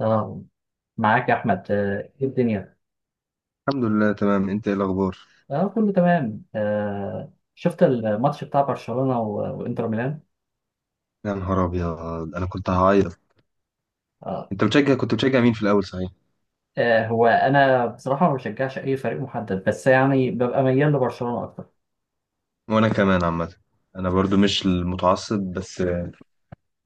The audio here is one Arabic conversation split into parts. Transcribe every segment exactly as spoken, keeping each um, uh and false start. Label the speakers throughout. Speaker 1: اه معاك يا احمد آه، ايه الدنيا؟
Speaker 2: الحمد لله، تمام. انت ايه الاخبار؟
Speaker 1: اه كله تمام. آه شفت الماتش بتاع برشلونة و- وانتر ميلان.
Speaker 2: يا نهار ابيض! انا كنت هعيط.
Speaker 1: آه.
Speaker 2: انت بتشجع كنت بتشجع مين في الاول، صحيح؟
Speaker 1: آه هو انا بصراحة ما بشجعش اي فريق محدد، بس يعني ببقى ميال لبرشلونة اكتر.
Speaker 2: وانا كمان عامه. انا برضو مش المتعصب، بس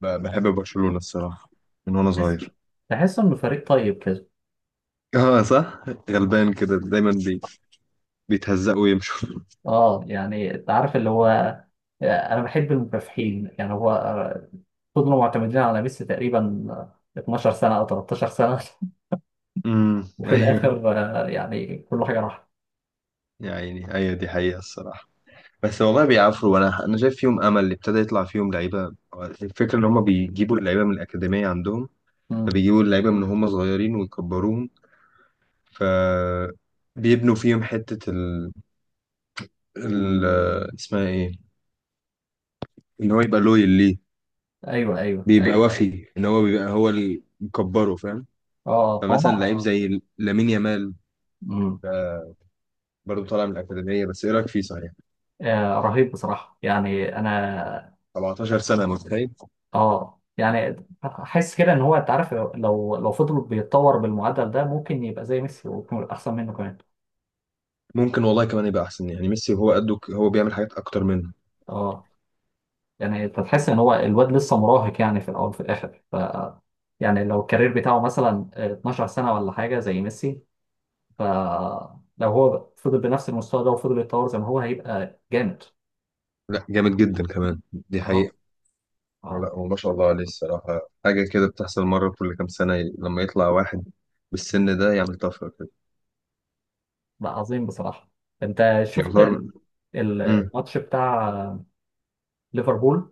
Speaker 2: ب- بحب برشلونه الصراحه، من وانا
Speaker 1: بحس
Speaker 2: صغير.
Speaker 1: بحس انه فريق طيب كده.
Speaker 2: اه، صح. غلبان كده دايما بي... بيتهزقوا ويمشوا.
Speaker 1: اه يعني انت عارف اللي هو آه، انا بحب المكافحين. يعني هو آه، فضلوا معتمدين على ميسي تقريبا آه، اتناشر سنة او تلتاشر سنة
Speaker 2: امم،
Speaker 1: وفي
Speaker 2: ايوه.
Speaker 1: الاخر آه، يعني كل حاجة راحت.
Speaker 2: يا عيني، ايوه، دي حقيقه الصراحه. بس والله بيعافروا، وانا انا شايف فيهم امل اللي ابتدى يطلع فيهم لعيبه. الفكره ان هم بيجيبوا اللعيبه من الاكاديميه عندهم،
Speaker 1: مم.
Speaker 2: فبيجيبوا اللعيبه من هم صغيرين ويكبروهم، فبيبنوا فيهم حتة ال... ال... اسمها ايه، ان هو يبقى لويل ليه.
Speaker 1: ايوه، ايوه.
Speaker 2: بيبقى ايوه، ايوه، وفي ان هو بيبقى هو اللي مكبره، فاهم.
Speaker 1: اه. هم.
Speaker 2: فمثلا لعيب اه زي لامين يامال،
Speaker 1: مم.
Speaker 2: ده برضه طالع من الأكاديمية. بس ايه رأيك فيه، صحيح؟
Speaker 1: آه رهيب بصراحة يعني أنا.
Speaker 2: 17 سنة، متخيل!
Speaker 1: آه يعني حاسس كده إن هو، أنت عارف، لو لو فضل بيتطور بالمعدل ده ممكن يبقى زي ميسي ويكون أحسن منه كمان.
Speaker 2: ممكن والله كمان يبقى احسن يعني ميسي، وهو قده ك- هو بيعمل حاجات اكتر منه.
Speaker 1: آه يعني أنت تحس إن هو الواد لسه مراهق، يعني في الأول وفي الآخر. ف يعني لو الكارير بتاعه مثلا اثنا عشر سنة ولا حاجة زي ميسي، ف لو هو فضل بنفس المستوى ده وفضل يتطور زي ما هو، هيبقى جامد.
Speaker 2: لا، جامد جدا كمان، دي
Speaker 1: آه.
Speaker 2: حقيقة.
Speaker 1: آه.
Speaker 2: لا، وما شاء الله عليه الصراحة، حاجة كده بتحصل مرة كل كام سنة، لما يطلع واحد بالسن ده يعمل طفرة كده.
Speaker 1: ده عظيم بصراحة. أنت
Speaker 2: فعلا
Speaker 1: شفت
Speaker 2: يعتبر،
Speaker 1: ال- ال-
Speaker 2: فعلا.
Speaker 1: الماتش بتاع ليفربول.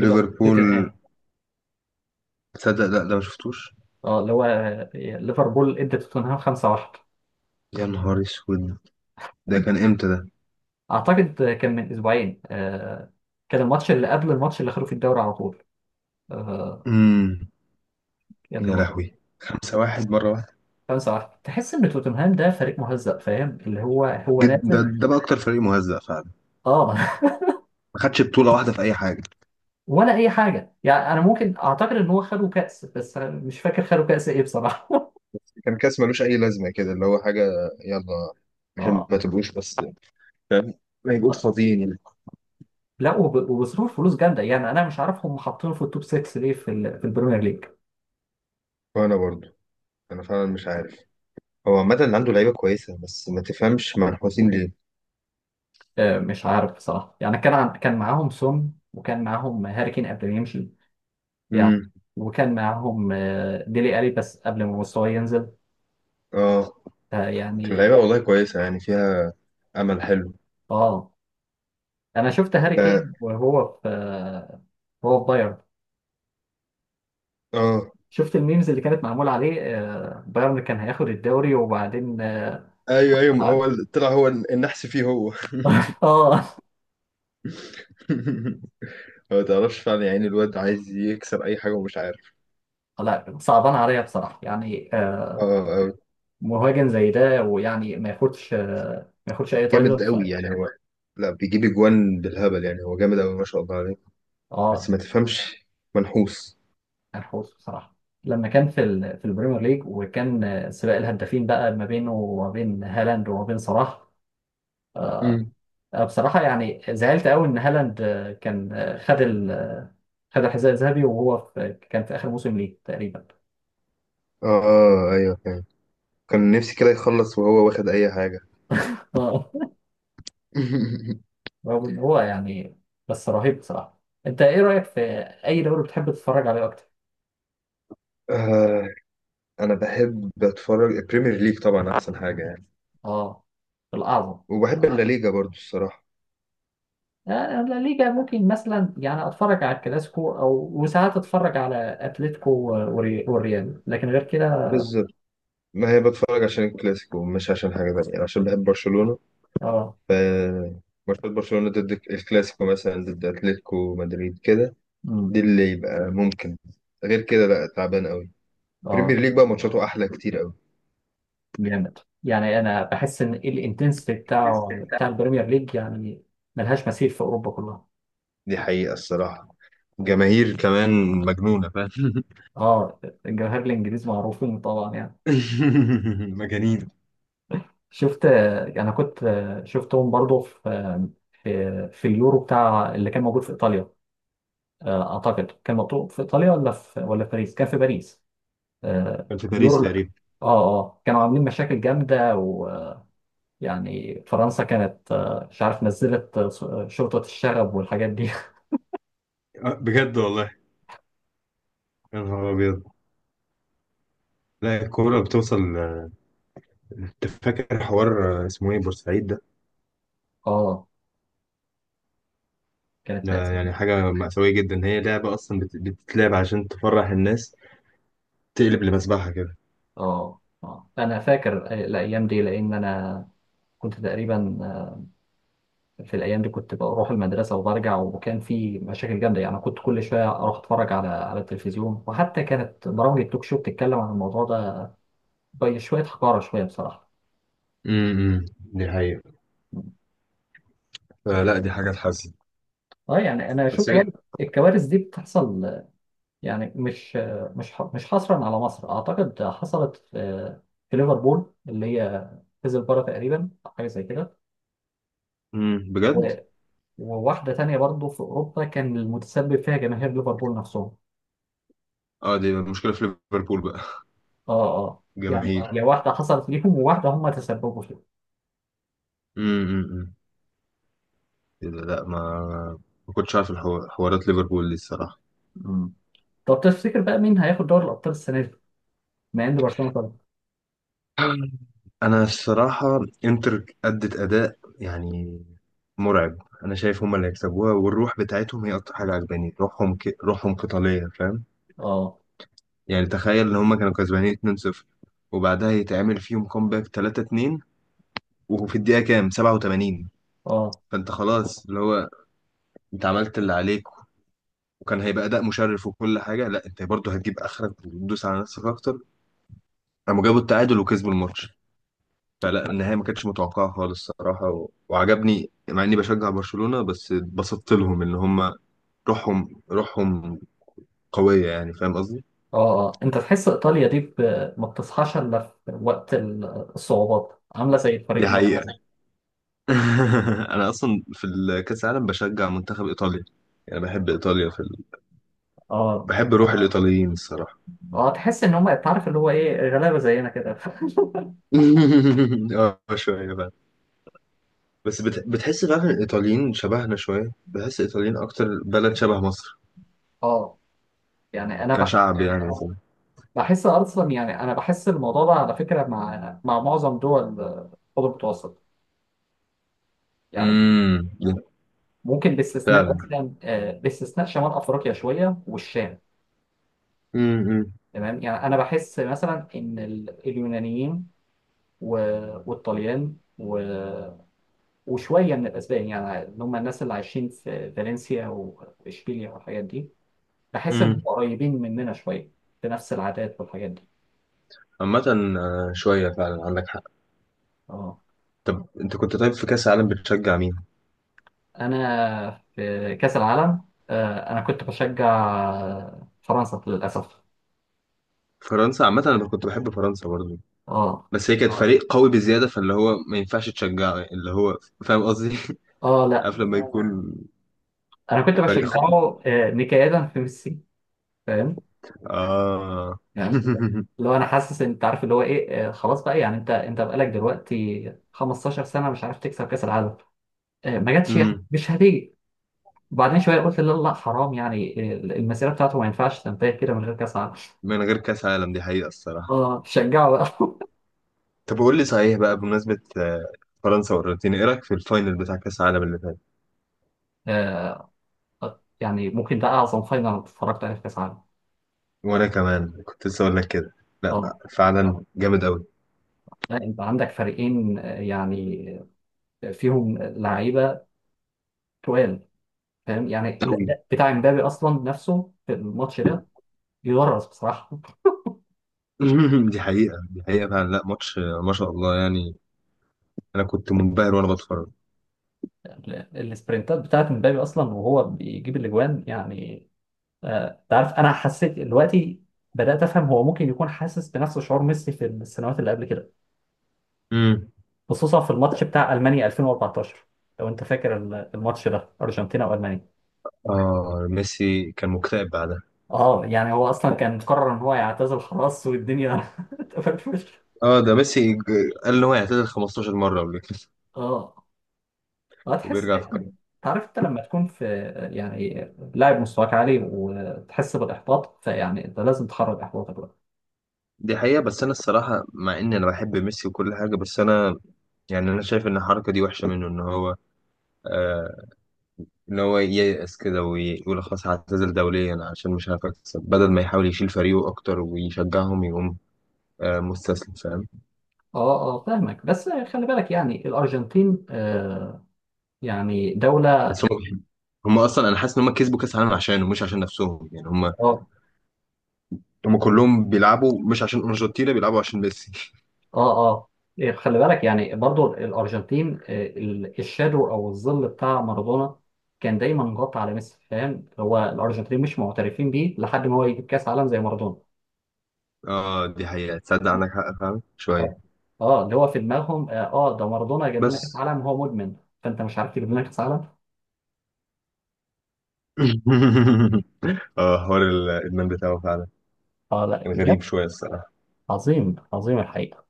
Speaker 1: ليفر- توتنهام.
Speaker 2: تصدق لا، ده ما شفتوش.
Speaker 1: اه اللي هو آه، ليفربول ادى توتنهام خمسة واحد.
Speaker 2: يا نهار اسود! ده كان امتى ده؟
Speaker 1: اعتقد آه، كان من اسبوعين آه، كان الماتش اللي قبل الماتش اللي خدوا في الدوري على طول آه،
Speaker 2: امم. يا
Speaker 1: كانوا
Speaker 2: لهوي! خمسة واحد مرة واحدة؟
Speaker 1: خمسة واحد. تحس ان توتنهام ده فريق مهزأ، فاهم اللي هو، هو
Speaker 2: جد، ده,
Speaker 1: نازل.
Speaker 2: ده بقى اكتر فريق مهزأ فعلا.
Speaker 1: اه
Speaker 2: ما خدش بطولة واحدة في اي حاجة.
Speaker 1: ولا اي حاجه، يعني انا ممكن اعتقد ان هو خدوا كاس، بس أنا مش فاكر خدوا كاس ايه بصراحه
Speaker 2: كان كاس ملوش اي لازمه كده، اللي هو حاجه يلا عشان
Speaker 1: اه.
Speaker 2: ما تبقوش بس، فاهم، ما يبقوش فاضيين يعني.
Speaker 1: لا وب- وبصرف فلوس جامده، يعني انا مش عارف هم حاطينه في التوب ستة ليه في ال- في البريمير ليج.
Speaker 2: وانا برضو، انا فعلا مش عارف. هو عامه اللي عنده لعيبه كويسه، بس ما تفهمش منحوسين ليه.
Speaker 1: آه، مش عارف بصراحة، يعني كان عن... كان معاهم سون وكان معاهم هاري كين قبل ما يمشي يعني.
Speaker 2: امم.
Speaker 1: وكان معاهم آه، ديلي ألي، بس قبل ما مستواه ينزل.
Speaker 2: اه،
Speaker 1: فيعني.
Speaker 2: اللعيبه والله كويسه يعني، فيها امل حلو.
Speaker 1: اه انا شفت هاري
Speaker 2: ب-
Speaker 1: كين وهو في آه، هو في بايرن.
Speaker 2: اه،
Speaker 1: شفت الميمز اللي كانت معمولة عليه آه، بايرن كان هياخد الدوري وبعدين اه.
Speaker 2: ايوه، ايوه، ما هو
Speaker 1: تعاد.
Speaker 2: ال- طلع هو النحس فيه هو.
Speaker 1: آه،
Speaker 2: ما تعرفش فعلا، يعني الواد عايز يكسر اي حاجه ومش عارف.
Speaker 1: لا صعبان عليا بصراحة يعني آه،
Speaker 2: اه، آه،
Speaker 1: مهاجم زي ده ويعني ما ياخدش آه، ما ياخدش اي
Speaker 2: جامد
Speaker 1: تايتل. ف.
Speaker 2: قوي يعني هو. لا، بيجيب اجوان بالهبل، يعني هو جامد قوي ما شاء الله عليه، بس
Speaker 1: اه،
Speaker 2: ما تفهمش، منحوس.
Speaker 1: الحوس بصراحة. لما كان في ال... في البريمير ليج، وكان آه، سباق الهدافين بقى ما بينه وما بين هالاند وما بين صلاح.
Speaker 2: امم.
Speaker 1: آه، بصراحة يعني زعلت قوي إن هالاند آه، كان آه، خد ال... خد الحذاء الذهبي، وهو في... كان في آخر موسم ليه تقريبا.
Speaker 2: اه، آه، ايوه فاهم. كان نفسي كده يخلص وهو واخد اي حاجه.
Speaker 1: اه رغم إن هو يعني، بس رهيب بصراحة. أنت إيه رأيك في أي دوري بتحب تتفرج عليه أكتر؟
Speaker 2: آه، انا بحب اتفرج البريمير ليج طبعا، احسن حاجه يعني.
Speaker 1: اه، الأعظم.
Speaker 2: وبحب اللا ليجا برضو الصراحه.
Speaker 1: آه، لا ليجا ممكن مثلا يعني اتفرج على الكلاسيكو، او وساعات اتفرج على اتلتيكو و- والري- والريال، لكن غير كده.
Speaker 2: ما هي بتفرج عشان الكلاسيكو، مش عشان حاجة تانية، يعني عشان بحب برشلونة.
Speaker 1: اه.
Speaker 2: ف ماتشات برشلونة ضد الكلاسيكو، مثلا ضد أتلتيكو مدريد كده، دي
Speaker 1: امم.
Speaker 2: اللي يبقى ممكن. غير كده لا، تعبان قوي.
Speaker 1: اه،
Speaker 2: بريمير ليج بقى ماتشاته أحلى كتير قوي.
Speaker 1: جامد. يعني انا بحس ان الانتنسيتي بتاعه بتاع البريمير ليج يعني ملهاش مثيل في اوروبا كلها.
Speaker 2: دي حقيقة الصراحة. جماهير كمان مجنونة، فاهم.
Speaker 1: اه. الجماهير الانجليز معروفين طبعا يعني.
Speaker 2: مجانين.
Speaker 1: شفت، انا كنت شفتهم برضو في في في اليورو بتاع اللي كان موجود في ايطاليا. آه، اعتقد كان موجود في ايطاليا ولا في، ولا في باريس، كان في باريس. آه،
Speaker 2: كان في باريس
Speaker 1: اليورو، لا.
Speaker 2: تقريبا.
Speaker 1: اه، اه، كانوا عاملين مشاكل جامده. ويعني فرنسا كانت آه، مش عارف نزلت آه، شرطه الشغب والحاجات دي.
Speaker 2: آه، بجد والله. يا نهار أبيض! لا، الكورة بتوصل. آه، أنت فاكر حوار آه، اسمه إيه، بورسعيد ده؟
Speaker 1: اه، كانت
Speaker 2: ده
Speaker 1: مأساة.
Speaker 2: يعني حاجة مأساوية جدا، هي لعبة أصلا بت- بتتلعب عشان تفرح الناس، تقلب لمذبحة كده.
Speaker 1: اه، اه، انا فاكر آه، الايام دي لان انا كنت تقريبا آه، في الايام دي كنت بروح المدرسه وبرجع، وكان في مشاكل جامده يعني، كنت كل شويه اروح اتفرج على على التلفزيون، وحتى كانت برامج التوك شو بتتكلم عن الموضوع ده بشويه حقاره شويه بصراحه.
Speaker 2: امم دي حقيقة. فلا، دي حاجة تحزن.
Speaker 1: اه، يعني انا اشوف
Speaker 2: بس هي.
Speaker 1: برضه الكوارث دي بتحصل، يعني مش مش ح- مش حصرا على مصر، اعتقد حصلت في في ليفربول، اللي هي كذا تقريبا حاجه زي كده.
Speaker 2: امم بجد.
Speaker 1: وواحدة تانية برضه في أوروبا كان المتسبب فيها جماهير ليفربول نفسهم.
Speaker 2: اه، دي مشكلة في ليفربول بقى.
Speaker 1: اه، اه، يعني
Speaker 2: جماهير.
Speaker 1: هي واحدة حصلت ليهم وواحدة هم تسببوا فيها.
Speaker 2: امم. لا، ما ما كنتش عارف الحو- حوارات ليفربول دي الصراحة.
Speaker 1: مم. طب تفتكر بقى مين هياخد دوري الأبطال السنة دي؟ مع إن برشلونة طبعا.
Speaker 2: أنا الصراحة إنتر أدت أداء يعني مرعب. أنا شايف هما اللي هيكسبوها، والروح بتاعتهم هي أكتر حاجة عجباني. روحهم ك... روحهم قتالية، فاهم.
Speaker 1: اه،
Speaker 2: يعني تخيل ان هما كانوا كسبانين اتنين صفر، وبعدها يتعمل فيهم كومباك تلاتة اتنين، وفي الدقيقة كام، سبعة وتمانين.
Speaker 1: اه،
Speaker 2: فانت خلاص، اللي هو انت عملت اللي عليك، وكان هيبقى اداء مشرف وكل حاجة. لا، انت برضه هتجيب اخرك وتدوس على نفسك اكتر. قاموا جابوا التعادل وكسبوا الماتش. فلا، النهاية ما كانتش متوقعة خالص الصراحة، و... وعجبني، مع اني بشجع برشلونة، بس اتبسطت لهم ان هما روحهم روحهم قوية، يعني فاهم قصدي.
Speaker 1: اه، اه. أنت تحس إيطاليا دي ب- ما بتصحاش إلا في وقت ال- الصعوبات، عاملة زي الفريق
Speaker 2: دي
Speaker 1: المصري
Speaker 2: حقيقة.
Speaker 1: كده.
Speaker 2: انا اصلا في الكاس العالم بشجع منتخب ايطاليا. يعني بحب ايطاليا في ال...
Speaker 1: اه،
Speaker 2: بحب روح الايطاليين الصراحه.
Speaker 1: اه، تحس إن هم، تعرف اللي هو إيه، غلابة زينا كده
Speaker 2: اه، شويه بقى. بس بت... بتحس فعلا الايطاليين شبهنا شويه، بحس الايطاليين اكتر بلد شبه مصر،
Speaker 1: اه، يعني أنا
Speaker 2: كشعب، يعني مثلا.
Speaker 1: بحس اصلا، يعني انا بحس الموضوع ده على فكره مع مع معظم دول آه، الخليج المتوسط. يعني
Speaker 2: امم.
Speaker 1: ممكن باستثناء
Speaker 2: فعلا.
Speaker 1: مثلا آه، باستثناء شمال افريقيا شويه والشام.
Speaker 2: امم.
Speaker 1: تمام، يعني انا بحس مثلا ان ال- اليونانيين و- والطليان و- وشويه من الاسبان، يعني اللي هم الناس اللي عايشين في فالنسيا و- واشبيليا والحاجات دي. بحس ان هم
Speaker 2: امم.
Speaker 1: قريبين مننا شويه في نفس العادات والحاجات دي.
Speaker 2: عامة، آه، شوية فعلا عندك حق.
Speaker 1: اه.
Speaker 2: طب انت كنت، طيب في كأس العالم بتشجع مين؟
Speaker 1: انا في كاس العالم آه، انا كنت بشجع فرنسا للاسف.
Speaker 2: فرنسا، عامة انا كنت بحب فرنسا برضو.
Speaker 1: اه،
Speaker 2: بس هي كانت اه فريق قوي بزيادة، فاللي هو ما ينفعش تشجعه، اللي هو فاهم قصدي.
Speaker 1: اه، لا
Speaker 2: عارف لما يكون
Speaker 1: انا كنت
Speaker 2: فريق خارق.
Speaker 1: بشجعه آه، نكاية في ميسي، فاهم؟
Speaker 2: اه.
Speaker 1: يعني لو انا حاسس ان، انت عارف اللي هو ايه آه، خلاص بقى. يعني انت انت بقالك دلوقتي خمسة عشر سنه مش عارف تكسب كاس العالم. آه، ما جاتش يعني،
Speaker 2: أمم.
Speaker 1: مش هتيجي. وبعدين شويه قلت لا، لا، حرام، يعني ال- المسيره بتاعته ما ينفعش تنتهي كده من غير كاس عالم.
Speaker 2: من غير كأس عالم، دي حقيقة الصراحة.
Speaker 1: اه، شجعه بقى
Speaker 2: طب قول لي صحيح بقى، بمناسبة آه، فرنسا والأرجنتين، ايه رأيك في الفاينل بتاع كأس العالم اللي فات؟
Speaker 1: آه، يعني ممكن ده اعظم فاينل اتفرجت عليه في كاس عالم.
Speaker 2: وانا كمان كنت لسه اقول لك كده. لا بقى، فعلا جامد قوي،
Speaker 1: لا انت عندك فريقين آه، يعني آه، فيهم لعيبه تقال، فاهم؟ يعني
Speaker 2: قوي.
Speaker 1: الاداء بتاع امبابي اصلا نفسه في الماتش ده يدرس بصراحه.
Speaker 2: دي حقيقة، دي حقيقة فعلا. لا ماتش آه، ما شاء الله يعني. انا كنت منبهر وانا بتفرج.
Speaker 1: ال- السبرنتات بتاعت امبابي اصلا وهو بيجيب الاجوان يعني آه، تعرف انا حسيت دلوقتي بدات افهم هو ممكن يكون حاسس بنفس شعور ميسي في السنوات اللي قبل كده.
Speaker 2: أمم.
Speaker 1: خصوصا في الماتش بتاع المانيا الفين واربعتاشر، لو انت فاكر ال- الماتش ده، ارجنتينا والمانيا.
Speaker 2: اه، ميسي كان مكتئب بعدها.
Speaker 1: اه يعني هو اصلا كان مقرر ان هو يعتزل خلاص، والدنيا اتقفلت في وشه.
Speaker 2: اه، ده ميسي ج- قال ان هو يعتزل 15 مرة قبل كده.
Speaker 1: اه، هتحس
Speaker 2: وبيرجع
Speaker 1: كده
Speaker 2: في كلامه.
Speaker 1: انت عارف، انت لما تكون في، يعني لاعب مستواك عالي وتحس بالاحباط، فيعني انت لازم تخرج احباطك بقى.
Speaker 2: دي حقيقة. بس انا الصراحة، مع ان انا بحب ميسي وكل حاجة، بس انا يعني انا شايف ان الحركة دي وحشة منه، ان هو آه ان هو ييأس كده ويقول خلاص هعتزل دوليا عشان مش عارف اكسب، بدل ما يحاول يشيل فريقه اكتر ويشجعهم. يقوم آه مستسلم، فاهم.
Speaker 1: اه، اه، فاهمك، بس خلي بالك يعني الارجنتين آه، يعني دوله.
Speaker 2: بس هم، هم اصلا انا حاسس ان هم كسبوا كاس العالم عشانه مش عشان نفسهم، يعني هم،
Speaker 1: اه،
Speaker 2: هم كلهم بيلعبوا، مش عشان ارجنتينا بيلعبوا، عشان ميسي.
Speaker 1: اه، اه، إيه، خلي بالك يعني برضو الارجنتين آه، ال- الشادو او الظل بتاع مارادونا كان دايما مغطى على ميسي، فاهم؟ هو الارجنتين مش معترفين بيه لحد ما هو يجيب كاس عالم زي مارادونا.
Speaker 2: اه، دي حقيقة، تصدق عندك حق، فاهم شوية.
Speaker 1: اه، اه اللي هو في دماغهم، اه، آه، ده مارادونا جاب
Speaker 2: بس.
Speaker 1: لنا كاس عالم وهو مدمن، فانت مش عارف تجيب لنا كاس عالم.
Speaker 2: اه، حوار الادمان بتاعه فعلا
Speaker 1: اه، لا
Speaker 2: كان
Speaker 1: بجد.
Speaker 2: غريب شويه الصراحه.
Speaker 1: عظيم، عظيم الحقيقه.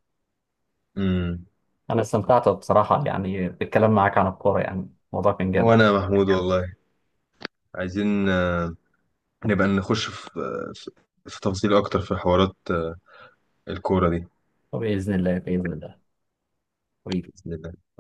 Speaker 2: امم.
Speaker 1: انا استمتعت بصراحه يعني بالكلام معاك عن الكوره، يعني الموضوع كان جامد.
Speaker 2: وانا يا محمود والله، عايزين آه، نبقى نخش في آه، في في تفاصيل اكتر، في حوارات آه، الكوره دي.
Speaker 1: وباذن الله، باذن الله، حبيبي.
Speaker 2: باذن الله.